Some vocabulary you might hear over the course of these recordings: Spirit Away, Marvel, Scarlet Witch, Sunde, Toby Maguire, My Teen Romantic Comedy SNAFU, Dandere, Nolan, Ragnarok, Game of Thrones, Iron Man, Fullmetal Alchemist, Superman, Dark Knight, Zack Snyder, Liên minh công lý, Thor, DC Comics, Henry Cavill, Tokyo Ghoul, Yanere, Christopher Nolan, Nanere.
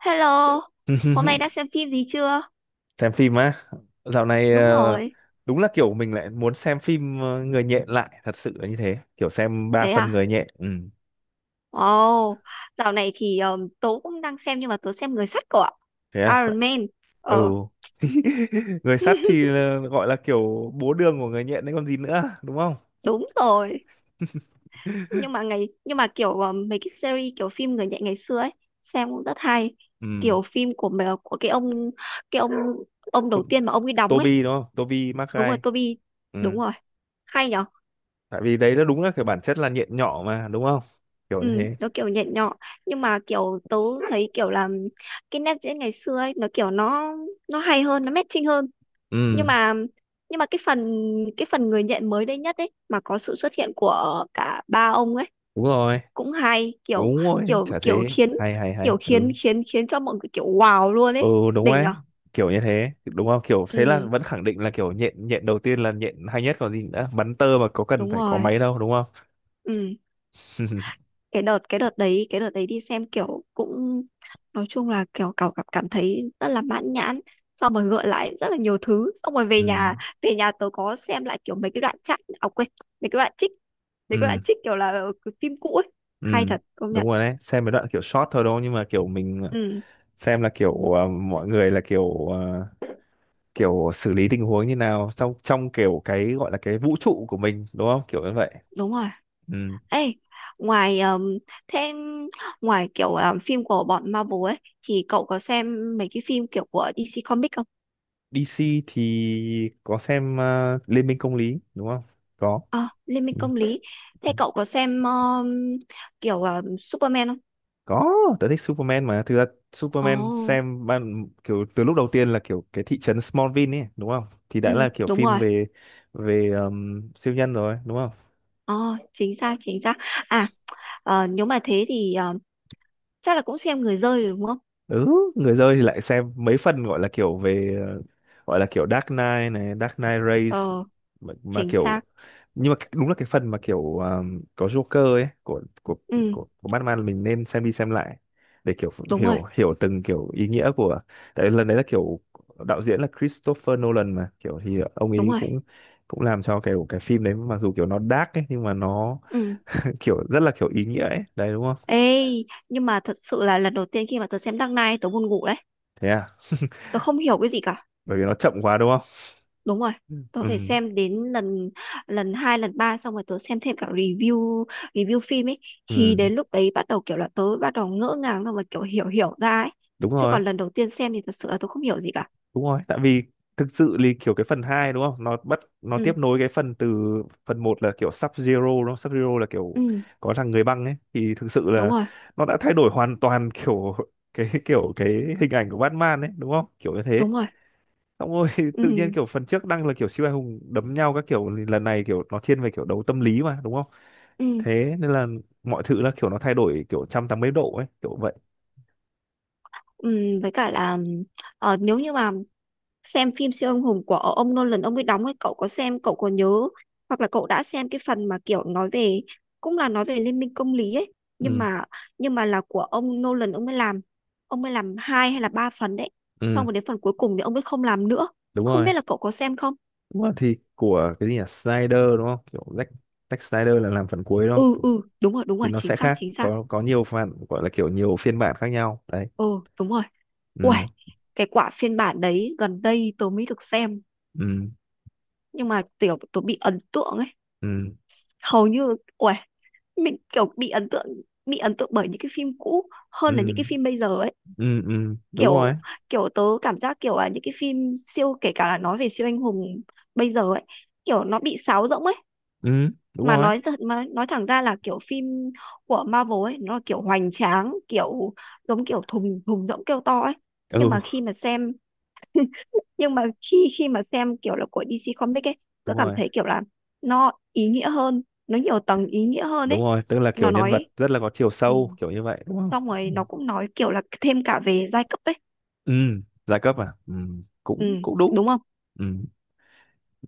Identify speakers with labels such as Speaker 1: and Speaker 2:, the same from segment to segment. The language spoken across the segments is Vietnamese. Speaker 1: Hello, hôm nay đã xem phim gì chưa?
Speaker 2: Xem phim á. Dạo này
Speaker 1: Đúng rồi,
Speaker 2: đúng là kiểu mình lại muốn xem phim người nhện, lại thật sự là như thế, kiểu xem ba
Speaker 1: thế
Speaker 2: phần
Speaker 1: à?
Speaker 2: người nhện. Ừ,
Speaker 1: Wow, dạo này thì tớ cũng đang xem nhưng mà tớ xem Người sắt của
Speaker 2: thế à.
Speaker 1: Iron Man.
Speaker 2: Ừ.
Speaker 1: Ờ,
Speaker 2: Người sắt thì gọi là kiểu bố đường của người nhện đấy còn gì nữa, đúng không?
Speaker 1: đúng rồi. Nhưng mà kiểu mấy cái series kiểu phim người nhện ngày xưa ấy, xem cũng rất hay.
Speaker 2: Ừ.
Speaker 1: Kiểu phim của cái ông đầu
Speaker 2: To-
Speaker 1: tiên mà ông ấy đóng ấy.
Speaker 2: Toby đúng không, Toby
Speaker 1: Đúng rồi,
Speaker 2: Maguire.
Speaker 1: Toby.
Speaker 2: Ừ,
Speaker 1: Đúng rồi, hay nhỉ?
Speaker 2: tại vì đấy nó đúng là kiểu bản chất là nhện nhỏ mà, đúng không? Kiểu
Speaker 1: Ừ,
Speaker 2: như thế.
Speaker 1: nó kiểu nhẹ nhọ nhưng mà kiểu tớ thấy kiểu là cái nét diễn ngày xưa ấy nó kiểu nó hay hơn, nó matching hơn. Nhưng
Speaker 2: Ừ,
Speaker 1: mà nhưng mà cái phần cái phần người nhện mới đây nhất ấy mà có sự xuất hiện của cả ba ông ấy
Speaker 2: đúng rồi,
Speaker 1: cũng hay, kiểu
Speaker 2: đúng rồi,
Speaker 1: kiểu
Speaker 2: chả thế, hay hay
Speaker 1: kiểu
Speaker 2: hay.
Speaker 1: khiến
Speaker 2: Ừ,
Speaker 1: khiến khiến cho mọi người kiểu wow luôn
Speaker 2: ừ,
Speaker 1: ấy,
Speaker 2: đúng
Speaker 1: đỉnh
Speaker 2: đấy.
Speaker 1: nhở.
Speaker 2: Kiểu như thế đúng không, kiểu thế là
Speaker 1: Ừ,
Speaker 2: vẫn khẳng định là kiểu nhện, nhện đầu tiên là nhện hay nhất còn gì nữa, bắn tơ mà có cần
Speaker 1: đúng
Speaker 2: phải có
Speaker 1: rồi.
Speaker 2: máy đâu, đúng không?
Speaker 1: Ừ, cái đợt đấy đi xem kiểu cũng, nói chung là kiểu cảm cảm cảm thấy rất là mãn nhãn, xong rồi gợi lại rất là nhiều thứ, xong rồi
Speaker 2: Ừ,
Speaker 1: về nhà tớ có xem lại kiểu mấy cái đoạn chat, à quên, mấy cái đoạn trích mấy cái đoạn
Speaker 2: ừ,
Speaker 1: trích kiểu là cái phim cũ ấy,
Speaker 2: ừ,
Speaker 1: hay thật công
Speaker 2: đúng
Speaker 1: nhận.
Speaker 2: rồi đấy, xem mấy đoạn kiểu short thôi đâu nhưng mà kiểu mình
Speaker 1: Ừ,
Speaker 2: xem là kiểu mọi người là kiểu kiểu xử lý tình huống như nào trong trong kiểu cái gọi là cái vũ trụ của mình đúng không kiểu như vậy.
Speaker 1: đúng rồi.
Speaker 2: Ừ.
Speaker 1: Ê, ngoài thêm ngoài kiểu phim của bọn Marvel ấy thì cậu có xem mấy cái phim kiểu của DC Comics không?
Speaker 2: DC thì có xem Liên minh công lý đúng không, có.
Speaker 1: À, Liên
Speaker 2: Ừ.
Speaker 1: minh
Speaker 2: Ừ.
Speaker 1: công lý. Thế cậu có xem kiểu Superman không?
Speaker 2: Có, tớ thích Superman mà thực ra. Superman
Speaker 1: Ồ,
Speaker 2: xem ban kiểu từ lúc đầu tiên là kiểu cái thị trấn Smallville ấy đúng không, thì đã
Speaker 1: ừ,
Speaker 2: là kiểu
Speaker 1: đúng
Speaker 2: phim
Speaker 1: rồi.
Speaker 2: về về siêu nhân rồi đúng không.
Speaker 1: Ồ, chính xác, chính xác. À, nếu mà thế thì chắc là cũng xem người rơi rồi đúng không?
Speaker 2: Ừ, người chơi thì lại xem mấy phần gọi là kiểu về gọi là kiểu Dark Knight này, Dark Knight Race,
Speaker 1: Ờ,
Speaker 2: mà
Speaker 1: chính
Speaker 2: kiểu,
Speaker 1: xác.
Speaker 2: nhưng mà đúng là cái phần mà kiểu có Joker ấy của
Speaker 1: Ừ,
Speaker 2: của Batman, mình nên xem đi xem lại để kiểu
Speaker 1: đúng rồi,
Speaker 2: hiểu hiểu từng kiểu ý nghĩa của. Tại lần đấy là kiểu đạo diễn là Christopher Nolan mà kiểu thì ông
Speaker 1: đúng
Speaker 2: ấy
Speaker 1: rồi.
Speaker 2: cũng cũng làm cho kiểu cái phim đấy mặc dù kiểu nó dark ấy nhưng mà nó
Speaker 1: Ừ.
Speaker 2: kiểu rất là kiểu ý nghĩa ấy đấy đúng không.
Speaker 1: Ê, nhưng mà thật sự là lần đầu tiên khi mà tớ xem Dark Knight tớ buồn ngủ đấy.
Speaker 2: Thế à,
Speaker 1: Tớ không hiểu cái gì cả.
Speaker 2: bởi vì nó chậm quá đúng không.
Speaker 1: Đúng rồi. Tớ
Speaker 2: Ừ,
Speaker 1: phải xem đến lần lần hai, lần ba, xong rồi tớ xem thêm cả review review phim ấy,
Speaker 2: ừ,
Speaker 1: thì đến lúc đấy bắt đầu kiểu là tớ bắt đầu ngỡ ngàng, xong rồi kiểu hiểu hiểu ra ấy.
Speaker 2: đúng
Speaker 1: Chứ
Speaker 2: rồi,
Speaker 1: còn lần đầu tiên xem thì thật sự là tớ không hiểu gì cả.
Speaker 2: đúng rồi, tại vì thực sự thì kiểu cái phần 2 đúng không, nó bắt nó
Speaker 1: Ừ.
Speaker 2: tiếp nối cái phần từ phần một là kiểu Sub Zero đúng không, Sub Zero là kiểu
Speaker 1: Ừ.
Speaker 2: có thằng người băng ấy, thì thực sự
Speaker 1: Đúng
Speaker 2: là
Speaker 1: rồi,
Speaker 2: nó đã thay đổi hoàn toàn. Kiểu cái kiểu cái hình ảnh của Batman ấy đúng không, kiểu như thế.
Speaker 1: đúng rồi.
Speaker 2: Xong rồi tự nhiên
Speaker 1: Ừ,
Speaker 2: kiểu phần trước đang là kiểu siêu anh hùng đấm nhau các kiểu thì lần này kiểu nó thiên về kiểu đấu tâm lý mà đúng không.
Speaker 1: ừ,
Speaker 2: Thế nên là mọi thứ là kiểu nó thay đổi kiểu 180 độ ấy kiểu vậy.
Speaker 1: ừ. Với cả là nếu như mà xem phim siêu anh hùng của ông Nolan ông ấy đóng ấy, cậu có xem, cậu có nhớ hoặc là cậu đã xem cái phần mà kiểu nói về, cũng là nói về liên minh công lý ấy, nhưng
Speaker 2: Ừ,
Speaker 1: mà là của ông Nolan ông mới làm, hai hay là ba phần đấy, xong
Speaker 2: ừ,
Speaker 1: rồi đến phần cuối cùng thì ông ấy không làm nữa,
Speaker 2: đúng
Speaker 1: không
Speaker 2: rồi.
Speaker 1: biết là cậu có xem không.
Speaker 2: Đúng rồi, thì của cái gì nhỉ, Snyder đúng không, kiểu Zack, Snyder là làm phần cuối đúng
Speaker 1: Ừ,
Speaker 2: không,
Speaker 1: ừ, đúng rồi, đúng
Speaker 2: thì
Speaker 1: rồi,
Speaker 2: nó
Speaker 1: chính
Speaker 2: sẽ
Speaker 1: xác,
Speaker 2: khác,
Speaker 1: chính xác.
Speaker 2: có nhiều phần gọi là kiểu nhiều phiên bản khác nhau đấy.
Speaker 1: Ừ, đúng rồi. Ui,
Speaker 2: Ừ,
Speaker 1: cái quả phiên bản đấy gần đây tớ mới được xem
Speaker 2: ừ,
Speaker 1: nhưng mà kiểu tôi bị ấn tượng ấy,
Speaker 2: ừ,
Speaker 1: hầu như uầy, mình kiểu bị ấn tượng, bởi những cái phim cũ hơn là những cái
Speaker 2: ừ,
Speaker 1: phim bây giờ ấy,
Speaker 2: ừ, ừ, đúng rồi.
Speaker 1: kiểu, kiểu tớ cảm giác kiểu là những cái phim siêu, kể cả là nói về siêu anh hùng bây giờ ấy, kiểu nó bị sáo rỗng ấy,
Speaker 2: Ừ, đúng
Speaker 1: mà
Speaker 2: rồi.
Speaker 1: nói thật, mà nói thẳng ra là kiểu phim của Marvel ấy nó là kiểu hoành tráng kiểu giống kiểu thùng, thùng rỗng kêu to ấy, nhưng
Speaker 2: Ừ,
Speaker 1: mà khi mà xem, nhưng mà khi khi mà xem kiểu là của DC Comics ấy, tớ
Speaker 2: đúng
Speaker 1: cảm
Speaker 2: rồi,
Speaker 1: thấy kiểu là nó ý nghĩa hơn, nó nhiều tầng ý nghĩa hơn
Speaker 2: đúng
Speaker 1: ấy,
Speaker 2: rồi, tức là kiểu
Speaker 1: nó
Speaker 2: nhân
Speaker 1: nói.
Speaker 2: vật rất là có chiều
Speaker 1: Ừ,
Speaker 2: sâu kiểu như vậy đúng không.
Speaker 1: xong
Speaker 2: Ừ.
Speaker 1: rồi nó cũng nói kiểu là thêm cả về giai cấp ấy.
Speaker 2: Ừ, giai cấp à, ừ,
Speaker 1: Ừ,
Speaker 2: cũng cũng đúng.
Speaker 1: đúng không.
Speaker 2: Ừ,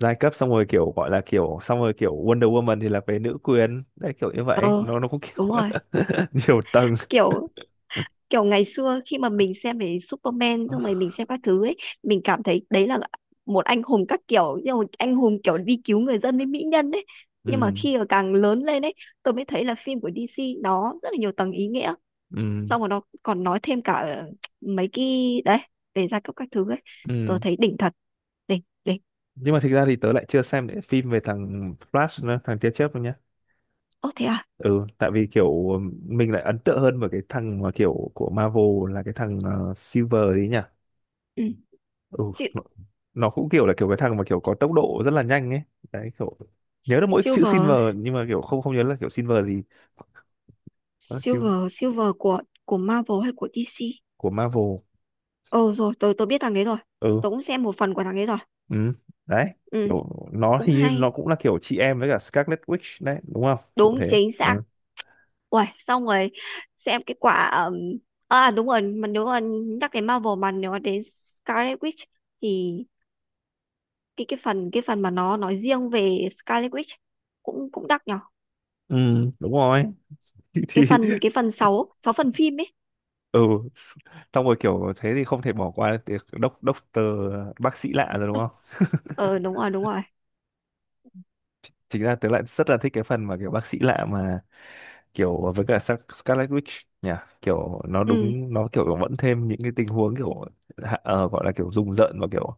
Speaker 2: giai cấp xong rồi kiểu gọi là kiểu xong rồi kiểu Wonder Woman thì là về nữ quyền đấy kiểu như vậy,
Speaker 1: Ờ,
Speaker 2: nó cũng kiểu
Speaker 1: đúng rồi,
Speaker 2: nhiều tầng.
Speaker 1: kiểu, kiểu ngày xưa khi mà mình xem về Superman xong rồi mình xem
Speaker 2: À,
Speaker 1: các thứ ấy, mình cảm thấy đấy là một anh hùng các kiểu nhưng mà anh hùng kiểu đi cứu người dân với mỹ nhân ấy, nhưng mà
Speaker 2: ừ,
Speaker 1: khi mà càng lớn lên ấy tôi mới thấy là phim của DC nó rất là nhiều tầng ý nghĩa,
Speaker 2: ừ,
Speaker 1: xong rồi nó còn nói thêm cả mấy cái đấy, về gia cấp các thứ ấy, tôi
Speaker 2: ừ,
Speaker 1: thấy đỉnh thật, đỉnh đỉnh.
Speaker 2: nhưng mà thực ra thì tớ lại chưa xem những phim về thằng Flash nữa, thằng tia chớp luôn nhá.
Speaker 1: Ô, thế à?
Speaker 2: Ừ, tại vì kiểu mình lại ấn tượng hơn với cái thằng mà kiểu của Marvel là cái thằng Silver đấy nhỉ.
Speaker 1: Ừ.
Speaker 2: Ừ,
Speaker 1: Si-
Speaker 2: nó, nó cũng kiểu là kiểu cái thằng mà kiểu có tốc độ rất là nhanh ấy, đấy kiểu nhớ được mỗi chữ
Speaker 1: silver
Speaker 2: Silver nhưng mà kiểu không không nhớ là kiểu Silver gì. Nó là siêu.
Speaker 1: silver silver của Marvel hay của DC?
Speaker 2: Của Marvel.
Speaker 1: Ờ, rồi tôi biết thằng đấy rồi.
Speaker 2: Ừ,
Speaker 1: Tôi cũng xem một phần của thằng đấy rồi.
Speaker 2: ừ, đấy
Speaker 1: Ừ,
Speaker 2: kiểu nó
Speaker 1: cũng
Speaker 2: thì nó
Speaker 1: hay.
Speaker 2: cũng là kiểu chị em với cả Scarlet Witch đấy đúng không kiểu
Speaker 1: Đúng,
Speaker 2: thế.
Speaker 1: chính xác.
Speaker 2: Ừ.
Speaker 1: Uầy, xong rồi xem cái quả à đúng rồi, mà nếu mà nhắc đến Marvel, mà nếu mà đến Scarlet Witch thì cái phần mà nó nói riêng về Scarlet Witch cũng cũng đắt nhở,
Speaker 2: Ừ, đúng rồi. Thì,
Speaker 1: cái phần 6 6 phần phim ấy.
Speaker 2: ừ, xong rồi kiểu thế thì không thể bỏ qua việc đốc doctor, bác sĩ lạ rồi đúng không?
Speaker 1: Ờ, đúng rồi, đúng rồi.
Speaker 2: Chính ra tớ lại rất là thích cái phần mà kiểu bác sĩ lạ mà kiểu với cả Scarlet Witch nhỉ, kiểu nó
Speaker 1: Ừ,
Speaker 2: đúng nó kiểu vẫn thêm những cái tình huống kiểu gọi là kiểu rùng rợn và kiểu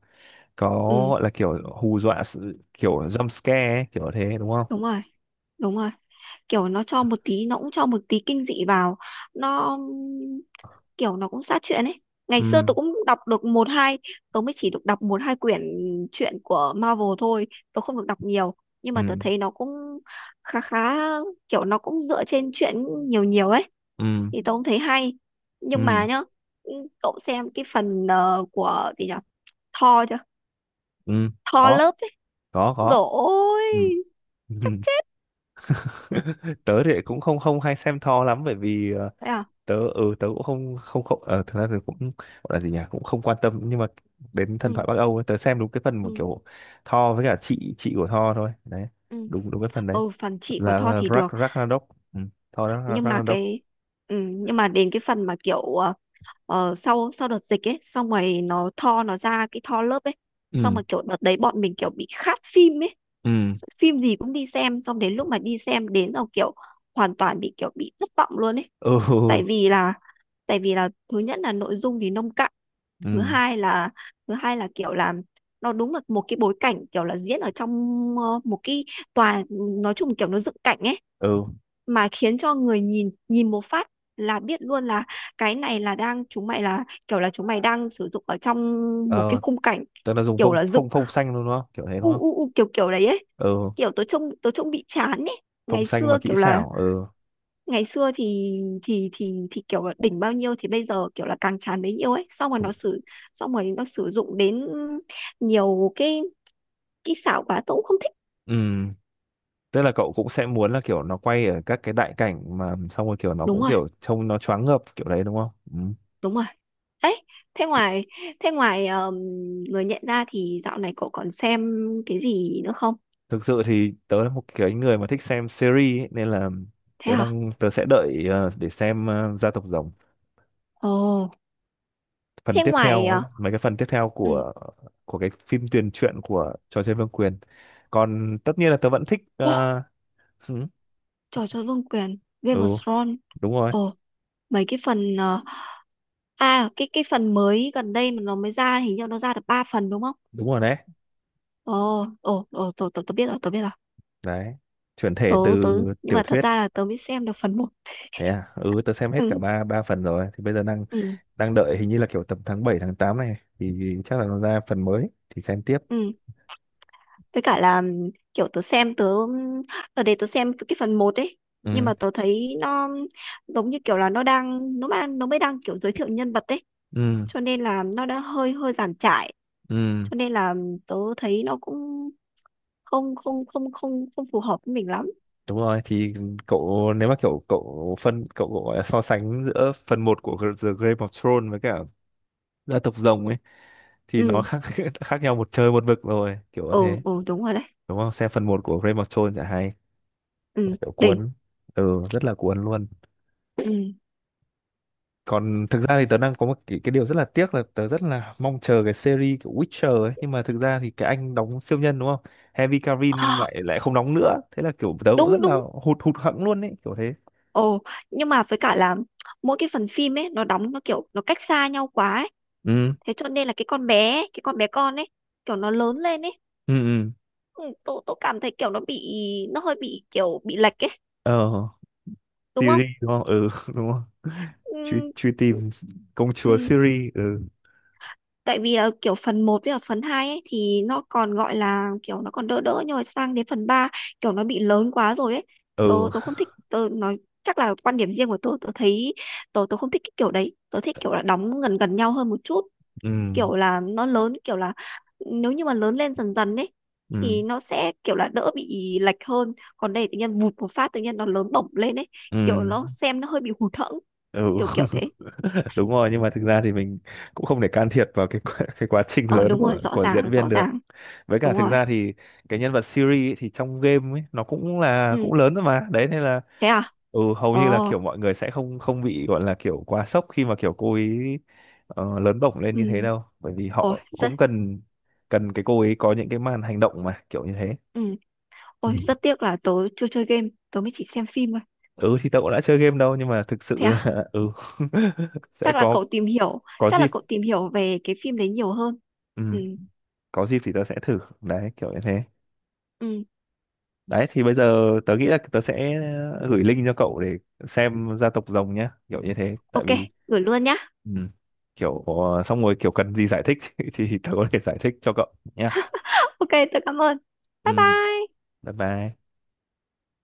Speaker 2: có,
Speaker 1: ừ,
Speaker 2: gọi là kiểu hù dọa sự kiểu jump scare ấy, kiểu thế đúng không?
Speaker 1: đúng rồi, đúng rồi. Kiểu nó cho một tí, nó cũng cho một tí kinh dị vào, nó kiểu nó cũng sát chuyện ấy. Ngày
Speaker 2: Ừ,
Speaker 1: xưa tôi cũng đọc được một hai, tôi mới chỉ được đọc một hai quyển truyện của Marvel thôi, tôi không được đọc nhiều nhưng mà tôi
Speaker 2: ừ,
Speaker 1: thấy nó cũng khá khá, kiểu nó cũng dựa trên truyện nhiều nhiều ấy,
Speaker 2: ừ,
Speaker 1: thì tôi cũng thấy hay nhưng
Speaker 2: ừ,
Speaker 1: mà nhá. Ừ, cậu xem cái phần của gì nhỉ, Thor chưa?
Speaker 2: ừ,
Speaker 1: Thò
Speaker 2: có,
Speaker 1: lớp ấy.
Speaker 2: có, có.
Speaker 1: Dồi
Speaker 2: Ừ.
Speaker 1: ôi, chắc chết.
Speaker 2: Tớ thì cũng không không hay xem Thor lắm bởi vì
Speaker 1: Thế à?
Speaker 2: tớ, ừ, tớ cũng không không không thực ra thì cũng gọi là gì nhỉ cũng không quan tâm nhưng mà đến thần
Speaker 1: Ừ,
Speaker 2: thoại Bắc Âu ấy, tớ xem đúng cái phần mà
Speaker 1: ừ,
Speaker 2: kiểu Thor với cả chị của Thor thôi đấy,
Speaker 1: ừ.
Speaker 2: đúng đúng cái phần đấy
Speaker 1: Ừ, phần chị của Tho
Speaker 2: là
Speaker 1: thì được.
Speaker 2: Ragnarok. Ừ. Thor
Speaker 1: Nhưng mà
Speaker 2: Ragnarok.
Speaker 1: cái... Ừ, nhưng mà đến cái phần mà kiểu sau sau đợt dịch ấy, xong rồi nó Tho nó ra cái Tho lớp ấy. Xong
Speaker 2: Ừ,
Speaker 1: mà kiểu đợt đấy bọn mình kiểu bị khát phim ấy.
Speaker 2: ừ,
Speaker 1: Phim gì cũng đi xem. Xong đến lúc mà đi xem đến rồi kiểu hoàn toàn bị kiểu bị thất vọng luôn ấy.
Speaker 2: ừ,
Speaker 1: Tại vì là, thứ nhất là nội dung thì nông cạn, thứ
Speaker 2: ừ,
Speaker 1: hai là, kiểu là nó đúng là một cái bối cảnh kiểu là diễn ở trong một cái tòa, nói chung kiểu nó dựng cảnh ấy,
Speaker 2: ừ,
Speaker 1: mà khiến cho người nhìn, một phát là biết luôn là cái này là đang, chúng mày là kiểu là chúng mày đang sử dụng ở trong một cái
Speaker 2: ờ
Speaker 1: khung cảnh
Speaker 2: tớ là dùng
Speaker 1: kiểu
Speaker 2: phông
Speaker 1: là dựng
Speaker 2: phông phông xanh luôn đúng không kiểu thế
Speaker 1: u
Speaker 2: đúng không.
Speaker 1: u u kiểu kiểu đấy ấy,
Speaker 2: Ừ,
Speaker 1: kiểu tớ trông, bị chán ấy.
Speaker 2: phông
Speaker 1: Ngày
Speaker 2: xanh mà
Speaker 1: xưa
Speaker 2: kỹ
Speaker 1: kiểu là,
Speaker 2: xảo. Ừ,
Speaker 1: ngày xưa thì kiểu là đỉnh bao nhiêu thì bây giờ kiểu là càng tràn bấy nhiêu ấy, xong rồi nó sử dụng đến nhiều cái kỹ xảo quá, tôi cũng không thích.
Speaker 2: ừ, tức là cậu cũng sẽ muốn là kiểu nó quay ở các cái đại cảnh mà xong rồi kiểu nó
Speaker 1: Đúng
Speaker 2: cũng
Speaker 1: rồi,
Speaker 2: kiểu trông nó choáng ngợp kiểu đấy đúng không. Ừ.
Speaker 1: đúng rồi ấy. Thế ngoài, thế ngoài ờm, người nhận ra thì dạo này cậu còn xem cái gì nữa không?
Speaker 2: Thực sự thì tớ là một cái người mà thích xem series ấy, nên là
Speaker 1: Thế
Speaker 2: tớ
Speaker 1: hả?
Speaker 2: đang, tớ sẽ đợi để xem gia tộc rồng
Speaker 1: Ồ.
Speaker 2: phần
Speaker 1: Thế
Speaker 2: tiếp
Speaker 1: ngoài
Speaker 2: theo ấy, mấy cái phần tiếp theo
Speaker 1: ừ,
Speaker 2: của cái phim tiền truyện của trò chơi vương quyền. Còn tất nhiên là tớ vẫn thích
Speaker 1: ồ,
Speaker 2: ừ,
Speaker 1: trò chơi vương quyền Game of
Speaker 2: ừ,
Speaker 1: Thrones.
Speaker 2: đúng rồi,
Speaker 1: Ồ, mấy cái phần à cái phần mới gần đây mà nó mới ra, hình như nó ra được 3 phần đúng không?
Speaker 2: đúng rồi đấy
Speaker 1: Ồ, ồ, ồ, tớ biết rồi, tớ biết rồi.
Speaker 2: đấy, chuyển thể
Speaker 1: Tớ,
Speaker 2: từ
Speaker 1: tớ, nhưng
Speaker 2: tiểu
Speaker 1: mà thật
Speaker 2: thuyết.
Speaker 1: ra là tớ mới xem được phần một.
Speaker 2: Thế à? Ừ, tớ xem hết cả
Speaker 1: Ừ,
Speaker 2: ba ba phần rồi thì bây giờ đang
Speaker 1: ừ,
Speaker 2: đang đợi hình như là kiểu tầm tháng 7 tháng 8 này thì chắc là nó ra phần mới thì xem tiếp.
Speaker 1: ừ. Với cả là kiểu tớ xem, tớ để tớ xem cái phần một ấy. Nhưng
Speaker 2: Ừ,
Speaker 1: mà tớ thấy nó giống như kiểu là nó mới đang kiểu giới thiệu nhân vật ấy.
Speaker 2: ừ,
Speaker 1: Cho nên là nó đã hơi giản trải.
Speaker 2: ừ,
Speaker 1: Cho nên là tớ thấy nó cũng không phù hợp với mình lắm.
Speaker 2: đúng rồi thì cậu nếu mà kiểu cậu phân cậu, cậu gọi là so sánh giữa phần một của The Game of Thrones với cả gia tộc rồng ấy thì nó
Speaker 1: Ừ,
Speaker 2: khác khác nhau một trời một vực rồi kiểu như
Speaker 1: ồ,
Speaker 2: thế
Speaker 1: ồ, đúng rồi đấy.
Speaker 2: đúng không, xem phần một của Game of Thrones chả hay,
Speaker 1: Ừ,
Speaker 2: kiểu
Speaker 1: đỉnh.
Speaker 2: cuốn, ừ rất là cuốn luôn.
Speaker 1: Ừ.
Speaker 2: Còn thực ra thì tớ đang có một cái điều rất là tiếc là tớ rất là mong chờ cái series kiểu Witcher ấy nhưng mà thực ra thì cái anh đóng siêu nhân đúng không, Henry Cavill
Speaker 1: À,
Speaker 2: lại lại không đóng nữa thế là kiểu tớ cũng rất
Speaker 1: đúng,
Speaker 2: là
Speaker 1: đúng.
Speaker 2: hụt hụt hẫng luôn ấy kiểu thế.
Speaker 1: Ồ, nhưng mà với cả là mỗi cái phần phim ấy nó đóng nó kiểu nó cách xa nhau quá ấy.
Speaker 2: Ừ,
Speaker 1: Thế cho nên là cái con bé ấy, cái con bé con ấy kiểu nó lớn lên ấy.
Speaker 2: ừ, ừ,
Speaker 1: Ừ, tôi cảm thấy kiểu nó bị, nó hơi bị kiểu bị lệch ấy
Speaker 2: ờ
Speaker 1: đúng không?
Speaker 2: Siri đúng không ừ đúng không, truy
Speaker 1: Ừ,
Speaker 2: truy tìm công chúa
Speaker 1: ừ,
Speaker 2: Siri. Ừ,
Speaker 1: tại vì là kiểu phần một với cả phần 2 ấy thì nó còn gọi là kiểu nó còn đỡ đỡ nhưng mà sang đến phần 3 kiểu nó bị lớn quá rồi ấy.
Speaker 2: ừ,
Speaker 1: Tôi không thích, tôi nói chắc là quan điểm riêng của tôi thấy tôi không thích cái kiểu đấy. Tôi thích kiểu là đóng gần gần nhau hơn một chút,
Speaker 2: ừ,
Speaker 1: kiểu là nó lớn, kiểu là nếu như mà lớn lên dần dần ấy
Speaker 2: ừ,
Speaker 1: thì nó sẽ kiểu là đỡ bị lệch hơn, còn đây tự nhiên vụt một phát tự nhiên nó lớn bổng lên ấy,
Speaker 2: ừ,
Speaker 1: kiểu nó xem nó hơi bị hụt hẫng,
Speaker 2: ừ.
Speaker 1: kiểu kiểu thế.
Speaker 2: Đúng rồi nhưng mà thực ra thì mình cũng không thể can thiệp vào cái cái quá trình
Speaker 1: Ờ,
Speaker 2: lớn
Speaker 1: đúng rồi, rõ
Speaker 2: của diễn
Speaker 1: ràng,
Speaker 2: viên
Speaker 1: rõ
Speaker 2: được.
Speaker 1: ràng.
Speaker 2: Với cả
Speaker 1: Đúng
Speaker 2: thực
Speaker 1: rồi.
Speaker 2: ra thì cái nhân vật Siri ấy, thì trong game ấy nó cũng là
Speaker 1: Ừ.
Speaker 2: cũng lớn rồi mà đấy nên là.
Speaker 1: Thế à?
Speaker 2: Ừ, hầu như là
Speaker 1: Ờ.
Speaker 2: kiểu mọi người sẽ không không bị gọi là kiểu quá sốc khi mà kiểu cô ấy lớn bổng lên
Speaker 1: Ừ.
Speaker 2: như thế đâu bởi vì
Speaker 1: Ôi
Speaker 2: họ
Speaker 1: rất,
Speaker 2: cũng cần cần cái cô ấy có những cái màn hành động mà kiểu như thế.
Speaker 1: ừ
Speaker 2: Ừ.
Speaker 1: tiếc là tớ chưa chơi game, tớ mới chỉ xem phim thôi.
Speaker 2: Ừ, thì tớ cũng đã chơi game đâu nhưng mà thực sự
Speaker 1: Thế à?
Speaker 2: là ừ. Sẽ
Speaker 1: Chắc là
Speaker 2: có
Speaker 1: cậu tìm hiểu,
Speaker 2: có dịp.
Speaker 1: về cái phim đấy nhiều hơn.
Speaker 2: Ừ,
Speaker 1: Ừ,
Speaker 2: có dịp thì tớ sẽ thử đấy kiểu như thế.
Speaker 1: ừ.
Speaker 2: Đấy thì bây giờ tớ nghĩ là tớ sẽ gửi link cho cậu để xem gia tộc rồng nhá kiểu như thế tại
Speaker 1: OK,
Speaker 2: vì
Speaker 1: gửi luôn nhá.
Speaker 2: ừ, kiểu xong rồi kiểu cần gì giải thích thì tớ có thể giải thích cho cậu nhá.
Speaker 1: OK, tớ cảm ơn.
Speaker 2: Ừ,
Speaker 1: Bye bye.
Speaker 2: bye bye.